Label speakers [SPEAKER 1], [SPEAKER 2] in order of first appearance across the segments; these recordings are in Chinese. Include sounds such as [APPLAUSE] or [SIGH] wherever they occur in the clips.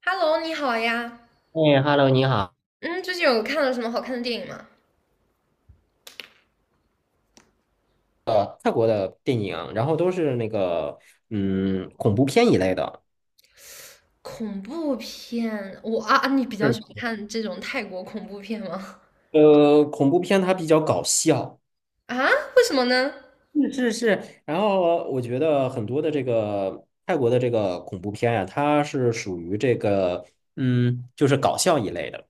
[SPEAKER 1] Hello，你好呀。
[SPEAKER 2] 哎，Hello，你好。
[SPEAKER 1] 嗯，最近有看了什么好看的电影吗？
[SPEAKER 2] 泰国的电影，然后都是恐怖片一类的。
[SPEAKER 1] 恐怖片，我啊，你比较喜欢
[SPEAKER 2] 是。
[SPEAKER 1] 看这种泰国恐怖片吗？
[SPEAKER 2] 恐怖片它比较搞笑。
[SPEAKER 1] 啊，为什么呢？
[SPEAKER 2] 是是是。然后我觉得很多的这个泰国的这个恐怖片呀、它是属于就是搞笑一类的。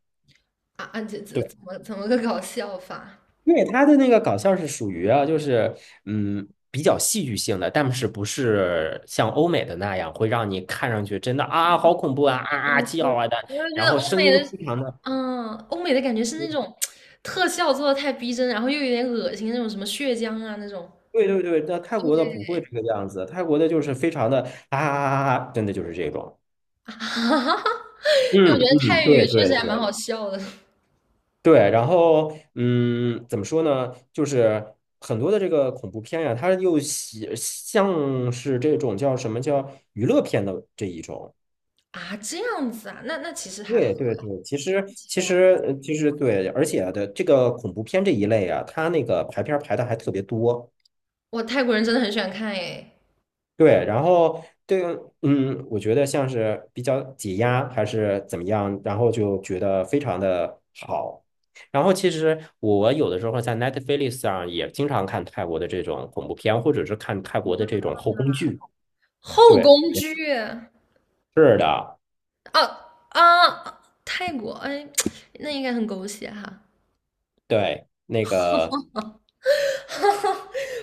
[SPEAKER 1] 啊啊，这
[SPEAKER 2] 对，
[SPEAKER 1] 怎么个搞笑法？
[SPEAKER 2] 因为它的那个搞笑是属于啊，就是比较戏剧性的，但是不是像欧美的。
[SPEAKER 1] 我我我就觉得欧美的，欧美的感觉是那种特效做的太逼真，然后又有点恶心那种什么血浆啊那种。
[SPEAKER 2] 对对对，但泰国的不会这个样子，泰国的就是非常的啊啊啊，啊真的就是这种。
[SPEAKER 1] 哈哈，[LAUGHS] 因为我觉
[SPEAKER 2] 嗯
[SPEAKER 1] 得
[SPEAKER 2] 嗯，
[SPEAKER 1] 泰语
[SPEAKER 2] 对
[SPEAKER 1] 确
[SPEAKER 2] 对
[SPEAKER 1] 实还蛮
[SPEAKER 2] 对。
[SPEAKER 1] 好笑的。
[SPEAKER 2] 对，然后怎么说呢？就是很多的这个恐怖片呀、它又喜像是这种叫什么叫娱乐片的这一种。
[SPEAKER 1] 啊，这样子啊，那其实还好，
[SPEAKER 2] 对对对，其实
[SPEAKER 1] 其
[SPEAKER 2] 其
[SPEAKER 1] 实还好。
[SPEAKER 2] 实呃其实对，而且的这个恐怖片这一类啊，它那个排片儿排的还特别多。
[SPEAKER 1] 我泰国人真的很喜欢看诶。
[SPEAKER 2] 对，然后对，嗯，我觉得像是比较解压还是怎么样，然后就觉得非常的好。然后其实我有的时候在 Netflix 上也经常看泰国的这种恐怖片，或者是看泰国的这种后宫剧。
[SPEAKER 1] 后
[SPEAKER 2] 对，
[SPEAKER 1] 宫
[SPEAKER 2] 也
[SPEAKER 1] 剧啊
[SPEAKER 2] 是的，
[SPEAKER 1] 啊！泰国，哎，那应该很狗血哈。
[SPEAKER 2] 对，那个。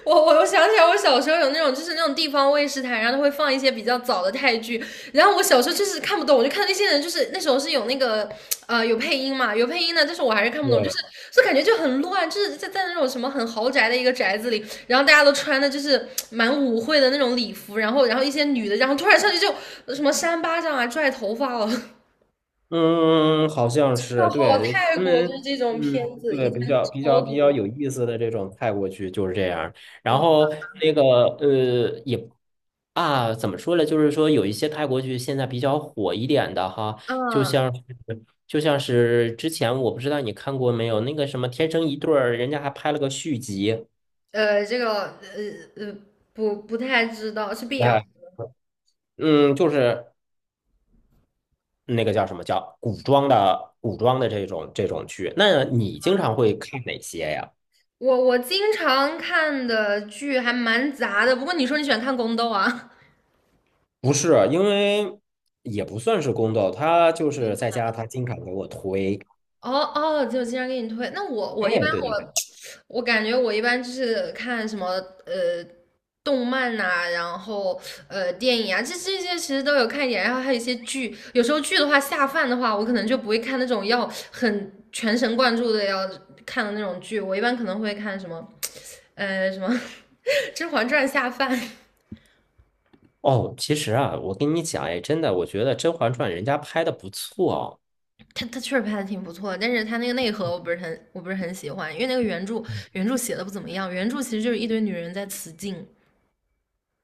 [SPEAKER 1] 我想起来，我小时候有那种就是那种地方卫视台，然后它会放一些比较早的泰剧，然后我小时候就是看不懂，我就看那些人就是那时候是有那个有配音嘛，有配音的，但是我还是看不懂，就
[SPEAKER 2] 对。
[SPEAKER 1] 是就感觉就很乱，就是在那种什么很豪宅的一个宅子里，然后大家都穿的就是蛮舞会的那种礼服，然后一些女的，然后突然上去就什么扇巴掌啊、拽头发了。[LAUGHS]
[SPEAKER 2] 嗯，好像
[SPEAKER 1] 那
[SPEAKER 2] 是，
[SPEAKER 1] 好，
[SPEAKER 2] 对，
[SPEAKER 1] 泰
[SPEAKER 2] 他
[SPEAKER 1] 国就是
[SPEAKER 2] 们，
[SPEAKER 1] 这种
[SPEAKER 2] 嗯，
[SPEAKER 1] 片子以
[SPEAKER 2] 对，
[SPEAKER 1] 前
[SPEAKER 2] 比较比
[SPEAKER 1] 超
[SPEAKER 2] 较比较
[SPEAKER 1] 多。
[SPEAKER 2] 有意思的这种泰国剧就是这样。然
[SPEAKER 1] 我
[SPEAKER 2] 后那个呃，也啊，怎么说呢？就是说有一些泰国剧现在比较火一点的哈，就
[SPEAKER 1] 嗯
[SPEAKER 2] 像是就像是之前我不知道你看过没有，那个什么《天生一对儿》，人家还拍了个续集。
[SPEAKER 1] 这个呃不太知道是 BL。
[SPEAKER 2] 哎，嗯，就是那个叫什么叫古装的这种剧。那你经常会看哪些呀？
[SPEAKER 1] 我经常看的剧还蛮杂的，不过你说你喜欢看宫斗啊？
[SPEAKER 2] 不是，因为也不算是宫斗，他就是在家，他经常给我推。
[SPEAKER 1] 哦哦，就经常给你推。那我
[SPEAKER 2] 哎，
[SPEAKER 1] 我一般
[SPEAKER 2] 对对对。
[SPEAKER 1] 我 [TSK] 我感觉我一般就是看什么呃动漫呐、然后电影啊，这些其实都有看一点。然后还有一些剧，有时候剧的话下饭的话，我可能就不会看那种要很全神贯注的要看的那种剧。我一般可能会看什么什么 [LAUGHS]《甄嬛传》下饭。
[SPEAKER 2] 哦，其实啊，我跟你讲，哎，真的，我觉得《甄嬛传》人家拍的不错
[SPEAKER 1] 它确实拍的挺不错的，但是它那个内核我不是很喜欢，因为那个原著写的不怎么样，原著其实就是一堆女人在雌竞。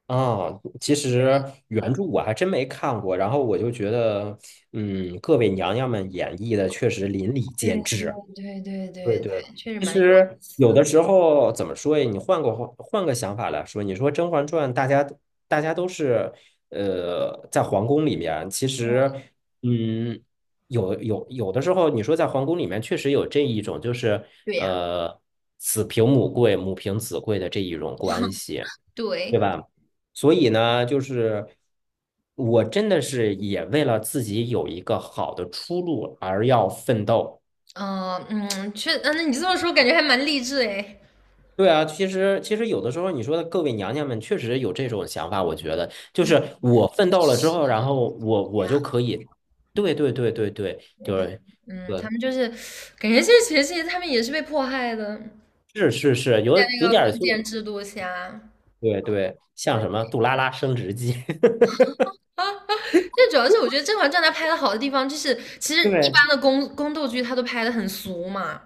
[SPEAKER 2] 啊。其实原著我还真没看过，然后我就觉得，嗯，各位娘娘们演绎的确实淋漓
[SPEAKER 1] 对
[SPEAKER 2] 尽
[SPEAKER 1] 对
[SPEAKER 2] 致。
[SPEAKER 1] 对对
[SPEAKER 2] 对
[SPEAKER 1] 对
[SPEAKER 2] 对，
[SPEAKER 1] 对，确实
[SPEAKER 2] 其
[SPEAKER 1] 蛮有意
[SPEAKER 2] 实
[SPEAKER 1] 思
[SPEAKER 2] 有
[SPEAKER 1] 的。
[SPEAKER 2] 的时候怎么说呀？你换个想法来说，你说《甄嬛传》，大家都是呃在皇宫里面，其实嗯，有的时候，你说在皇宫里面确实有这一种，就是
[SPEAKER 1] 对呀，
[SPEAKER 2] 呃子凭母贵，母凭子贵的这一种关系，对
[SPEAKER 1] 对，
[SPEAKER 2] 吧？所以呢，就是我真的是也为了自己有一个好的出路而要奋斗。
[SPEAKER 1] 嗯嗯，那你这么说，感觉还蛮励志诶。
[SPEAKER 2] 对啊，其实有的时候，你说的各位娘娘们确实有这种想法，我觉得就是我奋斗了之
[SPEAKER 1] 是
[SPEAKER 2] 后，然后我
[SPEAKER 1] 呀，
[SPEAKER 2] 就可以，对对对对对对
[SPEAKER 1] 因为他，
[SPEAKER 2] 对，
[SPEAKER 1] 他
[SPEAKER 2] 呃
[SPEAKER 1] 们就是，感觉这其实他们也是被迫害的，
[SPEAKER 2] 是是是，有
[SPEAKER 1] 在那
[SPEAKER 2] 有
[SPEAKER 1] 个
[SPEAKER 2] 点儿
[SPEAKER 1] 封
[SPEAKER 2] 就
[SPEAKER 1] 建制度下。
[SPEAKER 2] 对对，像
[SPEAKER 1] 对，
[SPEAKER 2] 什么杜拉拉升职记，
[SPEAKER 1] 但主要是我觉得《甄嬛传》它拍的好的地方，就是其
[SPEAKER 2] [LAUGHS]
[SPEAKER 1] 实一
[SPEAKER 2] 对
[SPEAKER 1] 般的宫斗剧它都拍的很俗嘛，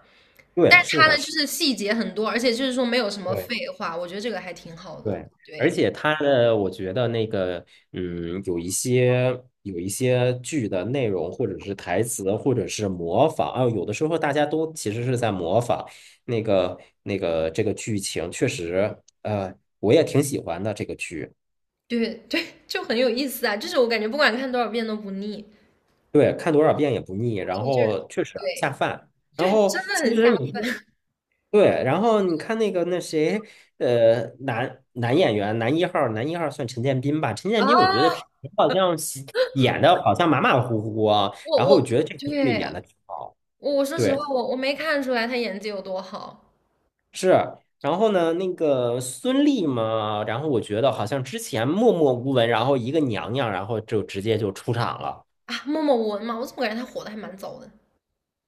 [SPEAKER 2] 对，
[SPEAKER 1] 但是
[SPEAKER 2] 是
[SPEAKER 1] 它呢
[SPEAKER 2] 的
[SPEAKER 1] 就
[SPEAKER 2] 是，
[SPEAKER 1] 是细节很多，而且就是说没有什么
[SPEAKER 2] 对。
[SPEAKER 1] 废话，我觉得这个还挺好的。
[SPEAKER 2] 对，而
[SPEAKER 1] 对。
[SPEAKER 2] 且它的，我觉得那个，嗯，有一些剧的内容，或者是台词，或者是模仿啊，有的时候大家都其实是在模仿那个这个剧情，确实，我也挺喜欢的这个剧，
[SPEAKER 1] 对 [LAUGHS] 对，就很有意思啊！就是我感觉不管看多少遍都不腻，
[SPEAKER 2] 对，看多少遍也不腻，然
[SPEAKER 1] 对，就是
[SPEAKER 2] 后确实
[SPEAKER 1] 对
[SPEAKER 2] 下饭。然
[SPEAKER 1] 对，
[SPEAKER 2] 后
[SPEAKER 1] 真的
[SPEAKER 2] 其
[SPEAKER 1] 很下
[SPEAKER 2] 实你说
[SPEAKER 1] 饭
[SPEAKER 2] 对，然后你看那个那谁，男演员，男一号算陈建斌吧？陈建斌，我觉得
[SPEAKER 1] 啊！
[SPEAKER 2] 平时好像喜演的好像马马虎虎啊，
[SPEAKER 1] 我
[SPEAKER 2] 然后
[SPEAKER 1] 我
[SPEAKER 2] 我觉得这个剧
[SPEAKER 1] 对
[SPEAKER 2] 演的挺好，
[SPEAKER 1] 我说实
[SPEAKER 2] 对，
[SPEAKER 1] 话，我没看出来他演技有多好。
[SPEAKER 2] 是。然后呢，那个孙俪嘛，然后我觉得好像之前默默无闻，然后一个娘娘，然后就直接就出场了。
[SPEAKER 1] 啊！默莫文嘛，我怎么感觉他火的还蛮早的？什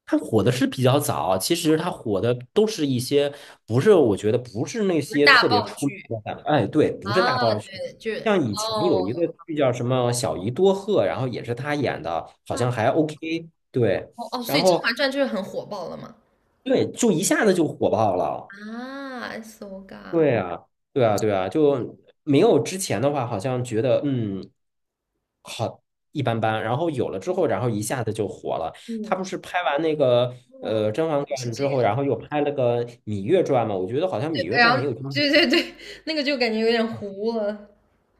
[SPEAKER 2] 它火的是比较早，其实它火的都是一些不是，我觉得不是那
[SPEAKER 1] 么
[SPEAKER 2] 些
[SPEAKER 1] 大
[SPEAKER 2] 特别
[SPEAKER 1] 爆
[SPEAKER 2] 出名
[SPEAKER 1] 剧
[SPEAKER 2] 的大，哎，对，不是大
[SPEAKER 1] 啊？
[SPEAKER 2] 爆剧。
[SPEAKER 1] 对，就是
[SPEAKER 2] 像以前
[SPEAKER 1] 哦，
[SPEAKER 2] 有一个剧叫什么《小姨多鹤》，然后也是他演的，好像
[SPEAKER 1] 那
[SPEAKER 2] 还 OK,对，
[SPEAKER 1] 哦哦，所
[SPEAKER 2] 然
[SPEAKER 1] 以《甄
[SPEAKER 2] 后
[SPEAKER 1] 嬛传》就是很火爆了嘛？
[SPEAKER 2] 对，就一下子就火爆了，
[SPEAKER 1] 啊，so ga，
[SPEAKER 2] 对啊，对啊,就没有之前的话，好像觉得好一般般，然后有了之后，然后一下子就火了。他不
[SPEAKER 1] 嗯，
[SPEAKER 2] 是拍完那个
[SPEAKER 1] 哇，
[SPEAKER 2] 呃《甄嬛
[SPEAKER 1] 原来是
[SPEAKER 2] 传》
[SPEAKER 1] 这
[SPEAKER 2] 之后，
[SPEAKER 1] 样。
[SPEAKER 2] 然后又拍了个《芈月传》嘛？我觉得好像《芈
[SPEAKER 1] 对，
[SPEAKER 2] 月
[SPEAKER 1] 然
[SPEAKER 2] 传》没
[SPEAKER 1] 后
[SPEAKER 2] 有这么
[SPEAKER 1] 对对对，那个就感觉有点糊了。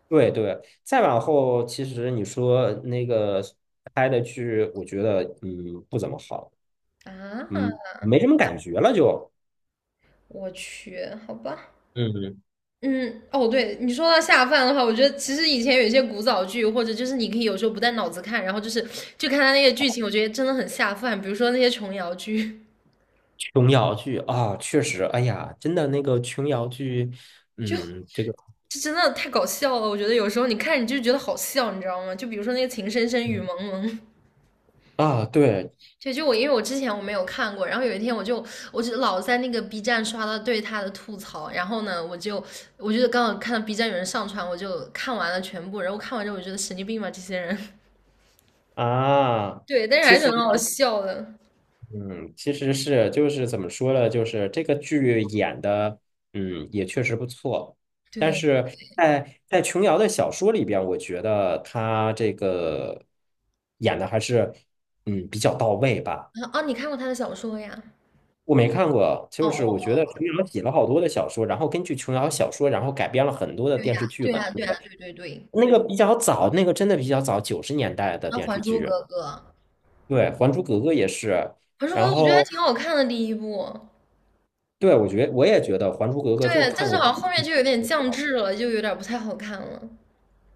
[SPEAKER 2] 对对。再往后，其实你说那个拍的剧，我觉得不怎么好，
[SPEAKER 1] 啊！
[SPEAKER 2] 没什么感觉了就。
[SPEAKER 1] 我去，好吧。
[SPEAKER 2] 嗯，
[SPEAKER 1] 嗯，哦，对你说到下饭的话，我觉得其实以前有一些古早剧，或者就是你可以有时候不带脑子看，然后就是就看他那些剧情，我觉得真的很下饭。比如说那些琼瑶剧，
[SPEAKER 2] 琼瑶剧啊，确实，哎呀，真的那个琼瑶剧，
[SPEAKER 1] 就
[SPEAKER 2] 嗯，这个
[SPEAKER 1] 就真的太搞笑了。我觉得有时候你看你就觉得好笑，你知道吗？就比如说那个《情深深雨蒙蒙》，
[SPEAKER 2] 啊，对
[SPEAKER 1] [LAUGHS] 就因为我之前没有看过，然后有一天我就老在那个 B 站刷到对他的吐槽，然后呢，我就刚好看到 B 站有人上传，我就看完了全部，然后看完之后我觉得神经病吧这些人。
[SPEAKER 2] 啊，
[SPEAKER 1] 对，但是
[SPEAKER 2] 其
[SPEAKER 1] 还是
[SPEAKER 2] 实。
[SPEAKER 1] 很好笑的。
[SPEAKER 2] 嗯，其实是就是怎么说呢，就是这个剧演的，嗯，也确实不错。但
[SPEAKER 1] 对，
[SPEAKER 2] 是在琼瑶的小说里边，我觉得她这个演的还是比较到位吧。
[SPEAKER 1] 啊哦，你看过他的小说呀？
[SPEAKER 2] 我没看过，
[SPEAKER 1] 哦
[SPEAKER 2] 就是
[SPEAKER 1] 哦，
[SPEAKER 2] 我觉得
[SPEAKER 1] 哦
[SPEAKER 2] 琼瑶写了好多的小说，然后根据琼瑶小说，然后改编了很多的电视剧
[SPEAKER 1] 对
[SPEAKER 2] 吧。
[SPEAKER 1] 呀，
[SPEAKER 2] 那
[SPEAKER 1] 对
[SPEAKER 2] 个
[SPEAKER 1] 呀，对对对。
[SPEAKER 2] 那个比较早，那个真的比较早，九十年代的
[SPEAKER 1] 然后
[SPEAKER 2] 电
[SPEAKER 1] 《还
[SPEAKER 2] 视
[SPEAKER 1] 珠
[SPEAKER 2] 剧。
[SPEAKER 1] 格格》，
[SPEAKER 2] 对，《还珠格格》也是，
[SPEAKER 1] 《还珠格格》
[SPEAKER 2] 然
[SPEAKER 1] 我觉得还
[SPEAKER 2] 后。
[SPEAKER 1] 挺好看的第一部，
[SPEAKER 2] 对，我觉我也觉得《还珠格格》就
[SPEAKER 1] 对，但
[SPEAKER 2] 看
[SPEAKER 1] 是
[SPEAKER 2] 个
[SPEAKER 1] 好
[SPEAKER 2] 第
[SPEAKER 1] 像
[SPEAKER 2] 一
[SPEAKER 1] 后面
[SPEAKER 2] 部
[SPEAKER 1] 就有点
[SPEAKER 2] 就
[SPEAKER 1] 降
[SPEAKER 2] 好。
[SPEAKER 1] 智了，就有点不太好看了。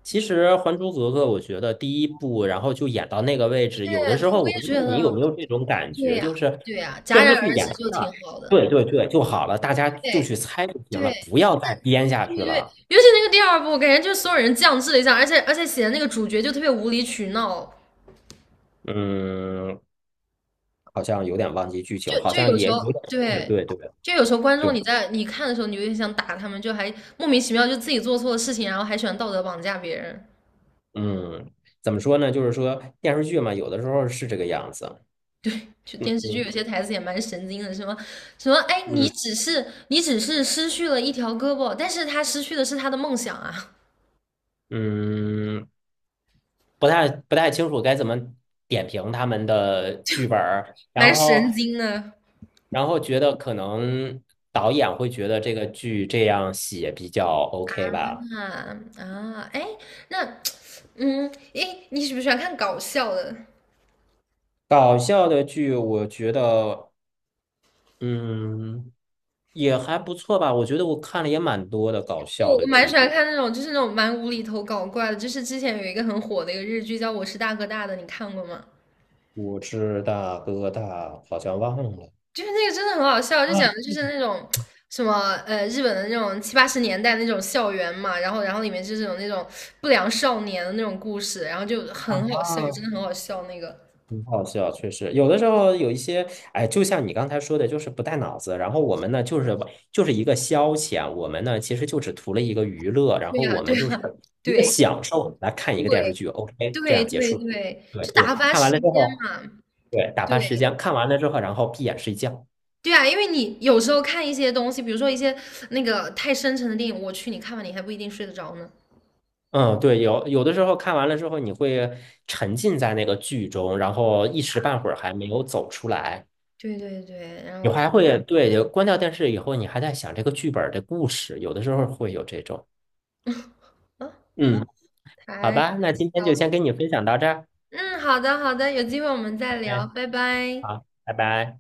[SPEAKER 2] 其实《还珠格格》，我觉得第一部，然后就演到那个位置，
[SPEAKER 1] 对
[SPEAKER 2] 有的时
[SPEAKER 1] 对，
[SPEAKER 2] 候
[SPEAKER 1] 我
[SPEAKER 2] 我
[SPEAKER 1] 也
[SPEAKER 2] 不知
[SPEAKER 1] 觉
[SPEAKER 2] 道
[SPEAKER 1] 得，
[SPEAKER 2] 你有没有这种感
[SPEAKER 1] 对
[SPEAKER 2] 觉，
[SPEAKER 1] 呀，
[SPEAKER 2] 就是
[SPEAKER 1] 对呀，戛
[SPEAKER 2] 电
[SPEAKER 1] 然
[SPEAKER 2] 视剧
[SPEAKER 1] 而
[SPEAKER 2] 演
[SPEAKER 1] 止
[SPEAKER 2] 到
[SPEAKER 1] 就
[SPEAKER 2] 这
[SPEAKER 1] 挺
[SPEAKER 2] 儿，
[SPEAKER 1] 好的。
[SPEAKER 2] 对对对，就好了，大家就
[SPEAKER 1] 对
[SPEAKER 2] 去猜就行了，
[SPEAKER 1] 对
[SPEAKER 2] 不要再编下去
[SPEAKER 1] 对对，
[SPEAKER 2] 了。
[SPEAKER 1] 尤其那个第二部，感觉就是所有人降智了一下，而且写的那个主角就特别无理取闹。
[SPEAKER 2] 嗯，好像有点忘记剧情，
[SPEAKER 1] 就
[SPEAKER 2] 好
[SPEAKER 1] 就
[SPEAKER 2] 像
[SPEAKER 1] 有
[SPEAKER 2] 也
[SPEAKER 1] 时候
[SPEAKER 2] 有点是，
[SPEAKER 1] 对，
[SPEAKER 2] 对对
[SPEAKER 1] 就有时候观
[SPEAKER 2] 对，
[SPEAKER 1] 众你看的时候，你有点想打他们，就还莫名其妙就自己做错了事情，然后还喜欢道德绑架别人。
[SPEAKER 2] 嗯，怎么说呢？就是说电视剧嘛，有的时候是这个样子。
[SPEAKER 1] 对，就电视剧有
[SPEAKER 2] 嗯
[SPEAKER 1] 些台词也蛮神经的，什么什么，哎，你
[SPEAKER 2] 嗯。
[SPEAKER 1] 只是你只是失去了一条胳膊，但是他失去的是他的梦想啊，
[SPEAKER 2] 嗯，不太清楚该怎么点评他们的剧本儿，
[SPEAKER 1] [LAUGHS]
[SPEAKER 2] 然
[SPEAKER 1] 蛮
[SPEAKER 2] 后
[SPEAKER 1] 神经的。
[SPEAKER 2] 然后觉得可能导演会觉得这个剧这样写比较 OK 吧。
[SPEAKER 1] 啊啊，哎，那 [TSK] 哎，你喜不喜欢看搞笑的？
[SPEAKER 2] 搞笑的剧，我觉得嗯也还不错吧，我觉得我看了也蛮多的搞笑
[SPEAKER 1] 我
[SPEAKER 2] 的
[SPEAKER 1] 蛮
[SPEAKER 2] 剧
[SPEAKER 1] 喜
[SPEAKER 2] 的。
[SPEAKER 1] 欢看那种，就是那种蛮无厘头搞怪的。就是之前有一个很火的一个日剧叫《我是大哥大的》，你看过吗？
[SPEAKER 2] 我是大哥大，好像忘了。
[SPEAKER 1] 就是那个真的很好笑，就
[SPEAKER 2] 啊
[SPEAKER 1] 讲的就是那种什么日本的那种七八十年代那种校园嘛，然后里面就是有那种不良少年的那种故事，然后就很好笑，真的
[SPEAKER 2] 啊！
[SPEAKER 1] 很好笑那个。
[SPEAKER 2] 很好笑，确实有的时候有一些，哎，就像你刚才说的，就是不带脑子。然后我们呢，就是就是一个消遣，我们呢其实就只图了一个娱乐，然
[SPEAKER 1] 对
[SPEAKER 2] 后
[SPEAKER 1] 呀，
[SPEAKER 2] 我
[SPEAKER 1] 对
[SPEAKER 2] 们就是
[SPEAKER 1] 呀，
[SPEAKER 2] 一个
[SPEAKER 1] 对
[SPEAKER 2] 享受来看一个电视剧，OK,这
[SPEAKER 1] 对
[SPEAKER 2] 样结
[SPEAKER 1] 对对
[SPEAKER 2] 束。
[SPEAKER 1] 对，
[SPEAKER 2] 对
[SPEAKER 1] 就
[SPEAKER 2] 对，
[SPEAKER 1] 打发
[SPEAKER 2] 看完
[SPEAKER 1] 时
[SPEAKER 2] 了
[SPEAKER 1] 间
[SPEAKER 2] 之后，
[SPEAKER 1] 嘛。
[SPEAKER 2] 对，打
[SPEAKER 1] 对
[SPEAKER 2] 发时间，看完了之后，然后闭眼睡觉。
[SPEAKER 1] 对啊，因为你有时候看一些东西，比如说一些那个太深沉的电影，我去，你看完你还不一定睡得着呢。
[SPEAKER 2] 嗯，对，有的时候看完了之后，你会沉浸在那个剧中，然后一时半会儿还没有走出来。
[SPEAKER 1] 对对对，然
[SPEAKER 2] 你
[SPEAKER 1] 后
[SPEAKER 2] 还会，对，有关掉电视以后，你还在想这个剧本儿的故事，有的时候会有这种。
[SPEAKER 1] 啊，
[SPEAKER 2] 嗯，好
[SPEAKER 1] 太搞
[SPEAKER 2] 吧，那今天
[SPEAKER 1] 笑
[SPEAKER 2] 就先
[SPEAKER 1] 了。
[SPEAKER 2] 跟你分享到这儿。
[SPEAKER 1] 嗯，好的好的，有机会我们再聊，
[SPEAKER 2] 哎，
[SPEAKER 1] 拜拜。
[SPEAKER 2] 好，拜拜。